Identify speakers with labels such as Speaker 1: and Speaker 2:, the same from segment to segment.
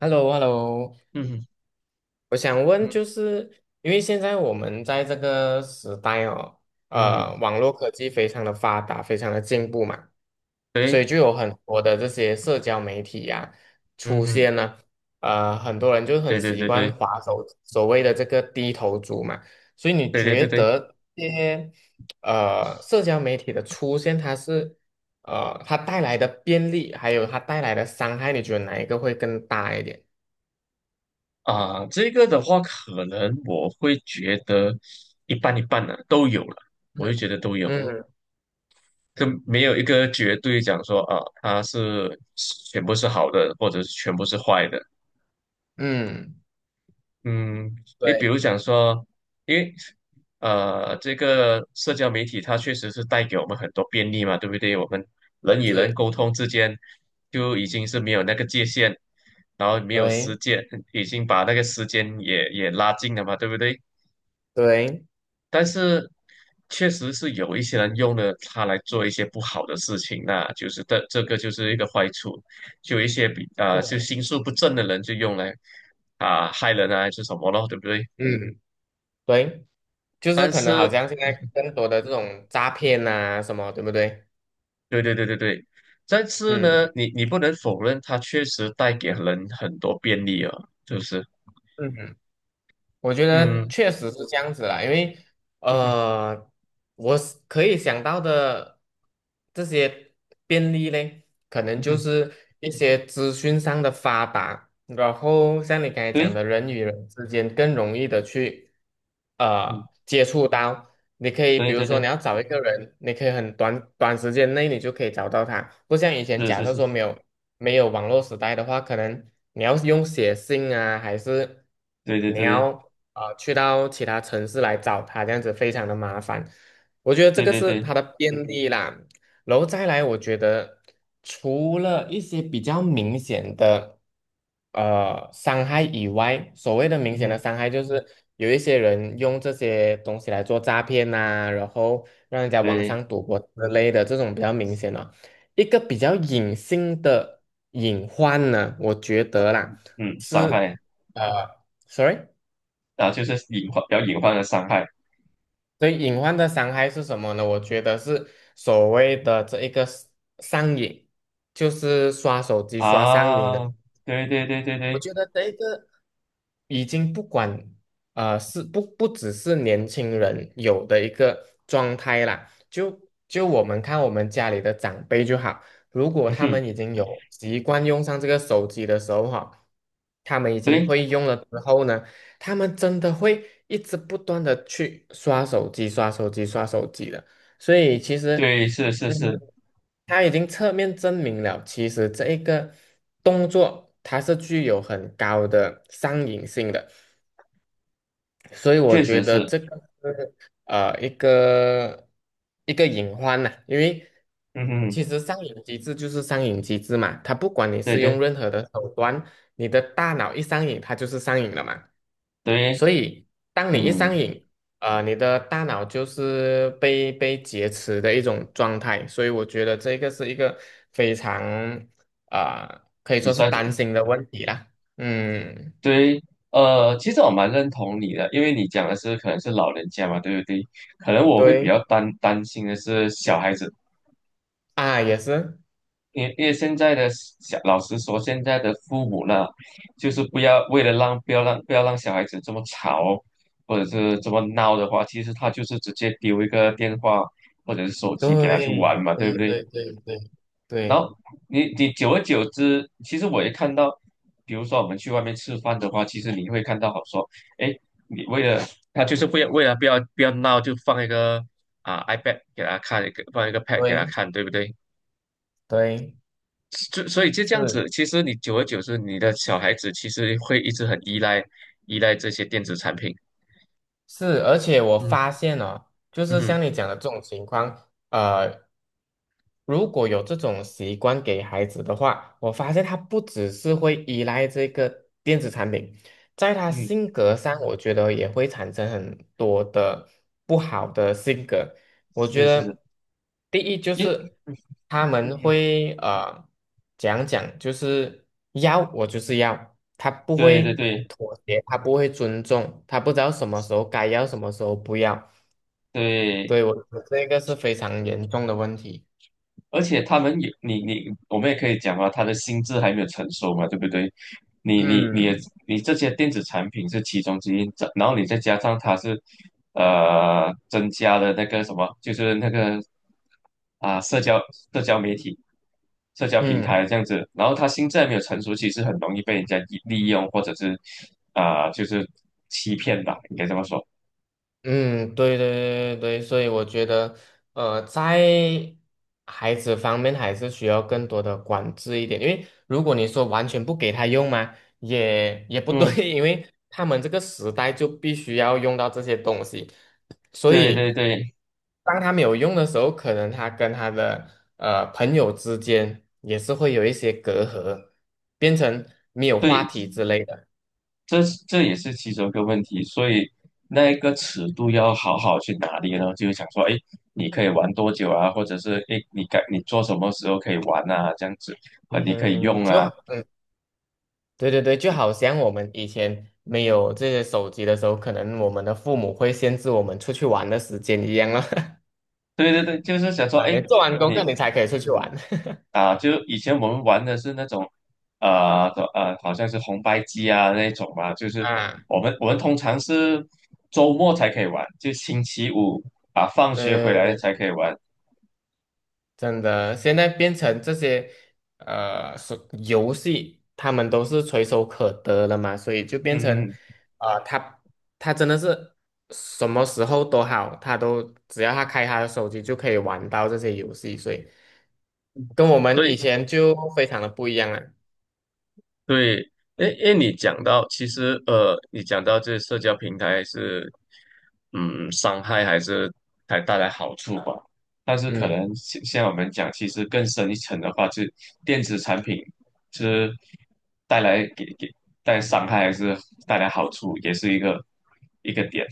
Speaker 1: h e l l o h e l l o
Speaker 2: 嗯
Speaker 1: 我想问，就
Speaker 2: 嗯
Speaker 1: 是因为现在我们在这个时代哦，
Speaker 2: 嗯嗯，
Speaker 1: 网络科技非常的发达，非常的进步嘛，所以
Speaker 2: 对，
Speaker 1: 就有很多的这些社交媒体呀、出
Speaker 2: 嗯嗯，
Speaker 1: 现呢，很多人就很
Speaker 2: 对对
Speaker 1: 习
Speaker 2: 对
Speaker 1: 惯
Speaker 2: 对
Speaker 1: 滑手，所谓的这个低头族嘛，所以你
Speaker 2: 对对对
Speaker 1: 觉
Speaker 2: 对
Speaker 1: 得这些社交媒体的出现，它是它带来的便利，还有它带来的伤害，你觉得哪一个会更大一点？
Speaker 2: 啊，这个的话，可能我会觉得一半一半的、都有了，我就觉得都有，
Speaker 1: 嗯。
Speaker 2: 就没有一个绝对讲说啊，它是全部是好的，或者是全部是坏的。
Speaker 1: 嗯，
Speaker 2: 嗯，你比
Speaker 1: 对，
Speaker 2: 如讲说，因为这个社交媒体它确实是带给我们很多便利嘛，对不对？我们人与人沟通之间就已经是没有那个界限，然后没有时
Speaker 1: 对
Speaker 2: 间，已经把那个时间也拉近了嘛，对不对？
Speaker 1: 对。
Speaker 2: 但是确实是有一些人用了它来做一些不好的事情，那就是这个就是一个坏处，就有一些就心术不正的人就用来啊、害人啊，还是什么咯，对不对？
Speaker 1: 嗯，对，就是
Speaker 2: 但
Speaker 1: 可能好
Speaker 2: 是，
Speaker 1: 像现在更多的这种诈骗啊什么，对不对？
Speaker 2: 对对对对对，但是呢，
Speaker 1: 嗯
Speaker 2: 你不能否认，它确实带给人很多便利啊，就是，
Speaker 1: 嗯，我觉得
Speaker 2: 嗯
Speaker 1: 确实是这样子啦，因为
Speaker 2: 嗯哼
Speaker 1: 呃，我是可以想到的这些便利嘞，可能
Speaker 2: 嗯
Speaker 1: 就
Speaker 2: 哼，
Speaker 1: 是一些资讯上的发达，然后像你刚才讲
Speaker 2: 对，
Speaker 1: 的，人与人之间更容易的去
Speaker 2: 嗯，
Speaker 1: 接触到。你可以比
Speaker 2: 对
Speaker 1: 如
Speaker 2: 对
Speaker 1: 说
Speaker 2: 对，
Speaker 1: 你要找一个人，你可以很短时间内你就可以找到他，不像以前
Speaker 2: 是
Speaker 1: 假
Speaker 2: 是
Speaker 1: 设
Speaker 2: 是，
Speaker 1: 说没有。没有网络时代的话，可能你要用写信啊，还是
Speaker 2: 对对
Speaker 1: 你
Speaker 2: 对
Speaker 1: 要去到其他城市来找他，这样子非常的麻烦。我觉得这
Speaker 2: 对
Speaker 1: 个
Speaker 2: 对
Speaker 1: 是
Speaker 2: 对对，
Speaker 1: 它的便利啦。然后再来，我觉得除了一些比较明显的伤害以外，所谓的明
Speaker 2: 嗯
Speaker 1: 显的
Speaker 2: 哼，
Speaker 1: 伤害就是有一些人用这些东西来做诈骗呐、然后让人家网
Speaker 2: 对，
Speaker 1: 上赌博之类的这种比较明显的。一个比较隐性的隐患呢，我觉得啦，
Speaker 2: 嗯，伤
Speaker 1: 是
Speaker 2: 害
Speaker 1: 呃，sorry，
Speaker 2: 啊，就是隐患，比较隐患的伤害
Speaker 1: 对，隐患的伤害是什么呢？我觉得是所谓的这一个 上瘾，就是刷手机刷上瘾
Speaker 2: 啊，
Speaker 1: 的。
Speaker 2: 对对对对
Speaker 1: 我
Speaker 2: 对，
Speaker 1: 觉得这一个已经不管是不只是年轻人有的一个状态啦，就我们看我们家里的长辈就好，如果
Speaker 2: 嗯
Speaker 1: 他
Speaker 2: 哼，
Speaker 1: 们已经有习惯用上这个手机的时候哈，他们已经
Speaker 2: 对
Speaker 1: 会用了之后呢，他们真的会一直不断的去刷手机、刷手机、刷手机的，所以其实。
Speaker 2: 对是是
Speaker 1: 嗯，
Speaker 2: 是，
Speaker 1: 他已经侧面证明了，其实这一个动作它是具有很高的上瘾性的，所以我
Speaker 2: 确
Speaker 1: 觉
Speaker 2: 实
Speaker 1: 得
Speaker 2: 是，
Speaker 1: 这个是一个隐患呐、因为
Speaker 2: 嗯哼，
Speaker 1: 其实上瘾机制就是上瘾机制嘛，它不管你
Speaker 2: 对
Speaker 1: 是用
Speaker 2: 对
Speaker 1: 任何的手段，你的大脑一上瘾，它就是上瘾了嘛。
Speaker 2: 对，
Speaker 1: 所以当你一
Speaker 2: 嗯，
Speaker 1: 上瘾，你的大脑就是被劫持的一种状态，所以我觉得这个是一个非常啊、可以
Speaker 2: 你
Speaker 1: 说是
Speaker 2: 算是。
Speaker 1: 担心的问题啦。嗯，
Speaker 2: 对，其实我蛮认同你的，因为你讲的是可能是老人家嘛，对不对？可能我会比较
Speaker 1: 对
Speaker 2: 担心的是小孩子，
Speaker 1: 啊，也是。
Speaker 2: 因为现在的小，老实说，现在的父母呢，就是不要为了让不要让小孩子这么吵，或者是这么闹的话，其实他就是直接丢一个电话或者是手
Speaker 1: 对
Speaker 2: 机给他去玩嘛，对
Speaker 1: 对
Speaker 2: 不对？
Speaker 1: 对对对
Speaker 2: 然后
Speaker 1: 对
Speaker 2: 你久而久之，其实我也看到，比如说我们去外面吃饭的话，其实你会看到好说，哎，你为了他就是不要为了不要闹，就放一个啊 iPad 给他看，放一个 Pad 给他
Speaker 1: 对
Speaker 2: 看，对不对？
Speaker 1: 对，
Speaker 2: 就所以就这样
Speaker 1: 是
Speaker 2: 子，其实你久而久之，你的小孩子其实会一直很依赖这些电子产品。
Speaker 1: 是，而且我发
Speaker 2: 嗯
Speaker 1: 现哦，就
Speaker 2: 嗯
Speaker 1: 是
Speaker 2: 哼
Speaker 1: 像你讲的这种情况，如果有这种习惯给孩子的话，我发现他不只是会依赖这个电子产品，在他
Speaker 2: 嗯，
Speaker 1: 性格上，我觉得也会产生很多的不好的性格。我觉
Speaker 2: 是是是，
Speaker 1: 得第一就
Speaker 2: 因
Speaker 1: 是他们
Speaker 2: 嗯，
Speaker 1: 会讲，就是要我就是要，他不
Speaker 2: 对对
Speaker 1: 会
Speaker 2: 对
Speaker 1: 妥协，他不会尊重，他不知道什么时候该要，什么时候不要。
Speaker 2: 对。
Speaker 1: 对，我觉得这个是非常严重的问题。
Speaker 2: 而且他们也，我们也可以讲啊，他的心智还没有成熟嘛，对不对？你你你也
Speaker 1: 嗯。
Speaker 2: 你这些电子产品是其中之一，这然后你再加上它是，增加了那个什么，就是那个啊，社交媒体、社交平台
Speaker 1: 嗯
Speaker 2: 这样子，然后他心智还没有成熟，其实很容易被人家利用，或者是啊、就是欺骗吧，应该这么说。
Speaker 1: 嗯，对对对对对所以我觉得，在孩子方面还是需要更多的管制一点，因为如果你说完全不给他用嘛，也不
Speaker 2: 嗯，
Speaker 1: 对，因为他们这个时代就必须要用到这些东西，所
Speaker 2: 对对
Speaker 1: 以
Speaker 2: 对
Speaker 1: 当他没有用的时候，可能他跟他的朋友之间也是会有一些隔阂，变成没有话
Speaker 2: 对，
Speaker 1: 题之类的。
Speaker 2: 这这也是其中一个问题，所以那一个尺度要好好去拿捏呢，就是想说，哎，你可以玩多久啊，或者是哎，诶你该你做什么时候可以玩啊，这样子，啊，你可以
Speaker 1: 嗯，
Speaker 2: 用
Speaker 1: 就
Speaker 2: 啊，
Speaker 1: 对对对，就好像我们以前没有这些手机的时候，可能我们的父母会限制我们出去玩的时间一样了。
Speaker 2: 对对对，就是想说，
Speaker 1: 啊，你
Speaker 2: 哎，
Speaker 1: 做完功课
Speaker 2: 你
Speaker 1: 你才可以出去玩。
Speaker 2: 啊，就以前我们玩的是那种，呃的呃，好像是红白机啊那种嘛，就 是
Speaker 1: 啊，
Speaker 2: 我们通常是周末才可以玩，就星期五啊，放
Speaker 1: 对
Speaker 2: 学回
Speaker 1: 对对
Speaker 2: 来
Speaker 1: 对，
Speaker 2: 才可以玩，
Speaker 1: 真的，现在变成这些手游戏，他们都是垂手可得了嘛，所以就变
Speaker 2: 嗯，嗯
Speaker 1: 成
Speaker 2: 嗯，
Speaker 1: 呃，他他真的是什么时候都好，他都只要他开他的手机就可以玩到这些游戏，所以跟我们以前就非常的不一样了。
Speaker 2: 对，诶诶，你讲到其实你讲到这社交平台是，嗯，伤害还是还带来好处吧？但是可
Speaker 1: 嗯，
Speaker 2: 能像我们讲，其实更深一层的话，就电子产品是带来给带来伤害还是带来好处，也是一个一个点。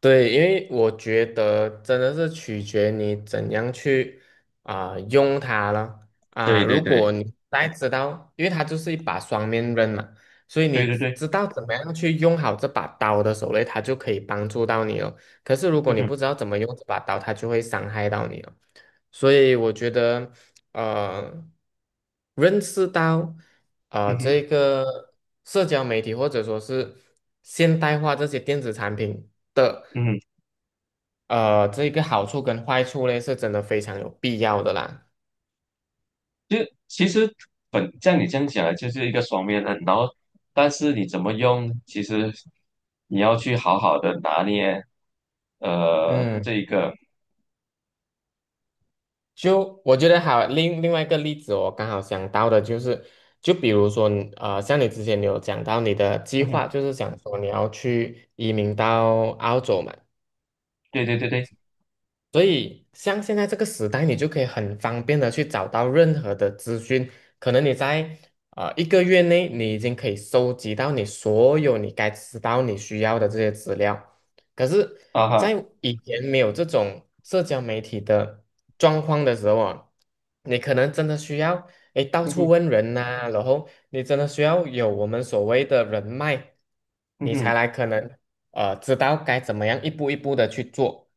Speaker 1: 对，因为我觉得真的是取决你怎样去啊、用它了啊。
Speaker 2: 对对
Speaker 1: 如
Speaker 2: 对，
Speaker 1: 果你大家知道，因为它就是一把双面刃嘛，所以你
Speaker 2: 对对对，
Speaker 1: 知道怎么样去用好这把刀的手候嘞它就可以帮助到你了。可是如
Speaker 2: 嗯
Speaker 1: 果你
Speaker 2: 哼，
Speaker 1: 不知道怎么用这把刀，它就会伤害到你了。所以我觉得，呃，认识到啊、
Speaker 2: 嗯哼，
Speaker 1: 这个社交媒体或者说是现代化这些电子产品的
Speaker 2: 嗯哼。
Speaker 1: 这个好处跟坏处呢，是真的非常有必要的啦。
Speaker 2: 就其实本像你这样讲的，就是一个双面刃。然后，但是你怎么用，其实你要去好好的拿捏，
Speaker 1: 嗯，
Speaker 2: 这一个，
Speaker 1: 就我觉得好，另外一个例子，我刚好想到的就是，就比如说你，像你之前你有讲到你的计
Speaker 2: 嗯哼，
Speaker 1: 划，就是想说你要去移民到澳洲嘛。
Speaker 2: 对对对对，
Speaker 1: 所以，像现在这个时代，你就可以很方便的去找到任何的资讯。可能你在一个月内，你已经可以收集到你所有你该知道、你需要的这些资料。可是，
Speaker 2: 啊哈，
Speaker 1: 在以前没有这种社交媒体的状况的时候啊，你可能真的需要诶到
Speaker 2: 嗯
Speaker 1: 处
Speaker 2: 哼，
Speaker 1: 问人呐、然后你真的需要有我们所谓的人脉，
Speaker 2: 嗯
Speaker 1: 你才
Speaker 2: 哼，
Speaker 1: 来可能知道该怎么样一步一步的去做。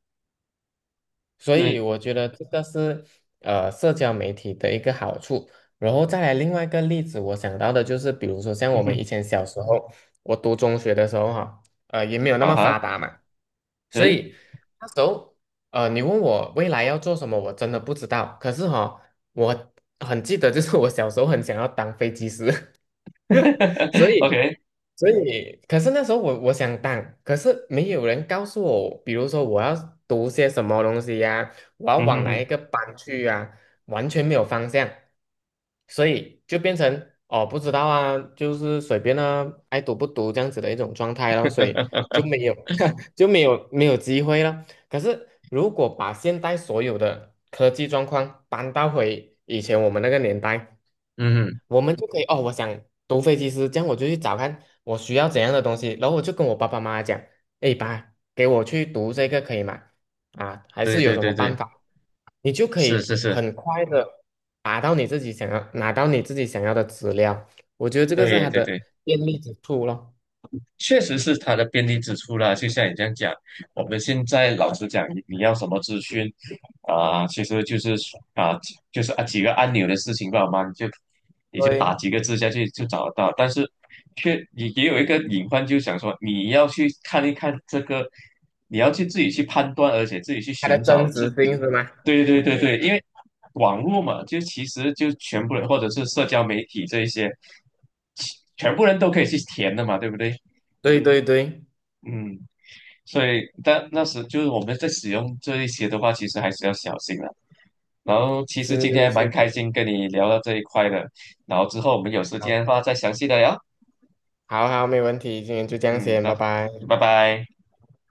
Speaker 1: 所
Speaker 2: 对，
Speaker 1: 以我觉得这个是社交媒体的一个好处。然后再来另外一个例子，我想到的就是，比如说像
Speaker 2: 嗯
Speaker 1: 我们
Speaker 2: 哼，
Speaker 1: 以前小时候，我读中学的时候哈，也没有那
Speaker 2: 啊
Speaker 1: 么
Speaker 2: 哈，
Speaker 1: 发达嘛，所
Speaker 2: 对
Speaker 1: 以那时候你问我未来要做什么，我真的不知道。可是哈、我很记得，就是我小时候很想要当飞机师，所 以
Speaker 2: ，OK，
Speaker 1: 可是那时候我想当，可是没有人告诉我，比如说我要读些什么东西呀、我要
Speaker 2: 嗯
Speaker 1: 往
Speaker 2: 哼
Speaker 1: 哪一
Speaker 2: 哼，
Speaker 1: 个班去呀、完全没有方向，所以就变成哦不知道啊，就是随便啊，爱读不读这样子的一种状态咯，所以就没有 就没有机会了。可是如果把现代所有的科技状况搬到回以前我们那个年代，
Speaker 2: 嗯哼，
Speaker 1: 我们就可以哦，我想读飞机师，这样我就去找看我需要怎样的东西，然后我就跟我爸爸妈妈讲，哎爸，给我去读这个可以吗？啊，还
Speaker 2: 对
Speaker 1: 是有
Speaker 2: 对
Speaker 1: 什么
Speaker 2: 对
Speaker 1: 办
Speaker 2: 对，
Speaker 1: 法？你就可
Speaker 2: 是是
Speaker 1: 以
Speaker 2: 是，
Speaker 1: 很快的达到你自己想要拿到你自己想要的资料，我觉得这个是
Speaker 2: 对
Speaker 1: 它
Speaker 2: 对
Speaker 1: 的
Speaker 2: 对。
Speaker 1: 便利之处咯。
Speaker 2: 确实是它的便利之处啦，就像你这样讲，我们现在老实讲，你要什么资讯啊、其实啊、就是啊几个按钮的事情吧嘛，你就打
Speaker 1: 对，
Speaker 2: 几个字下去就找得到。但是却也有一个隐患，就想说你要去看一看这个，你要去自己去判断，而且自己去
Speaker 1: 它的
Speaker 2: 寻
Speaker 1: 真
Speaker 2: 找这，
Speaker 1: 实性是吗？
Speaker 2: 对对对对，因为网络嘛，就其实就全部人或者是社交媒体这一些，其全部人都可以去填的嘛，对不对？
Speaker 1: 对对对，
Speaker 2: 嗯。所以，但那时就是我们在使用这一些的话，其实还是要小心的。然后，其实今天
Speaker 1: 是
Speaker 2: 还蛮
Speaker 1: 确实。
Speaker 2: 开心跟你聊到这一块的。然后之后我们有时
Speaker 1: 好，
Speaker 2: 间的话再详细的聊。
Speaker 1: 好好，没问题，今天就这样
Speaker 2: 嗯，
Speaker 1: 先，
Speaker 2: 那
Speaker 1: 拜拜。
Speaker 2: 拜拜。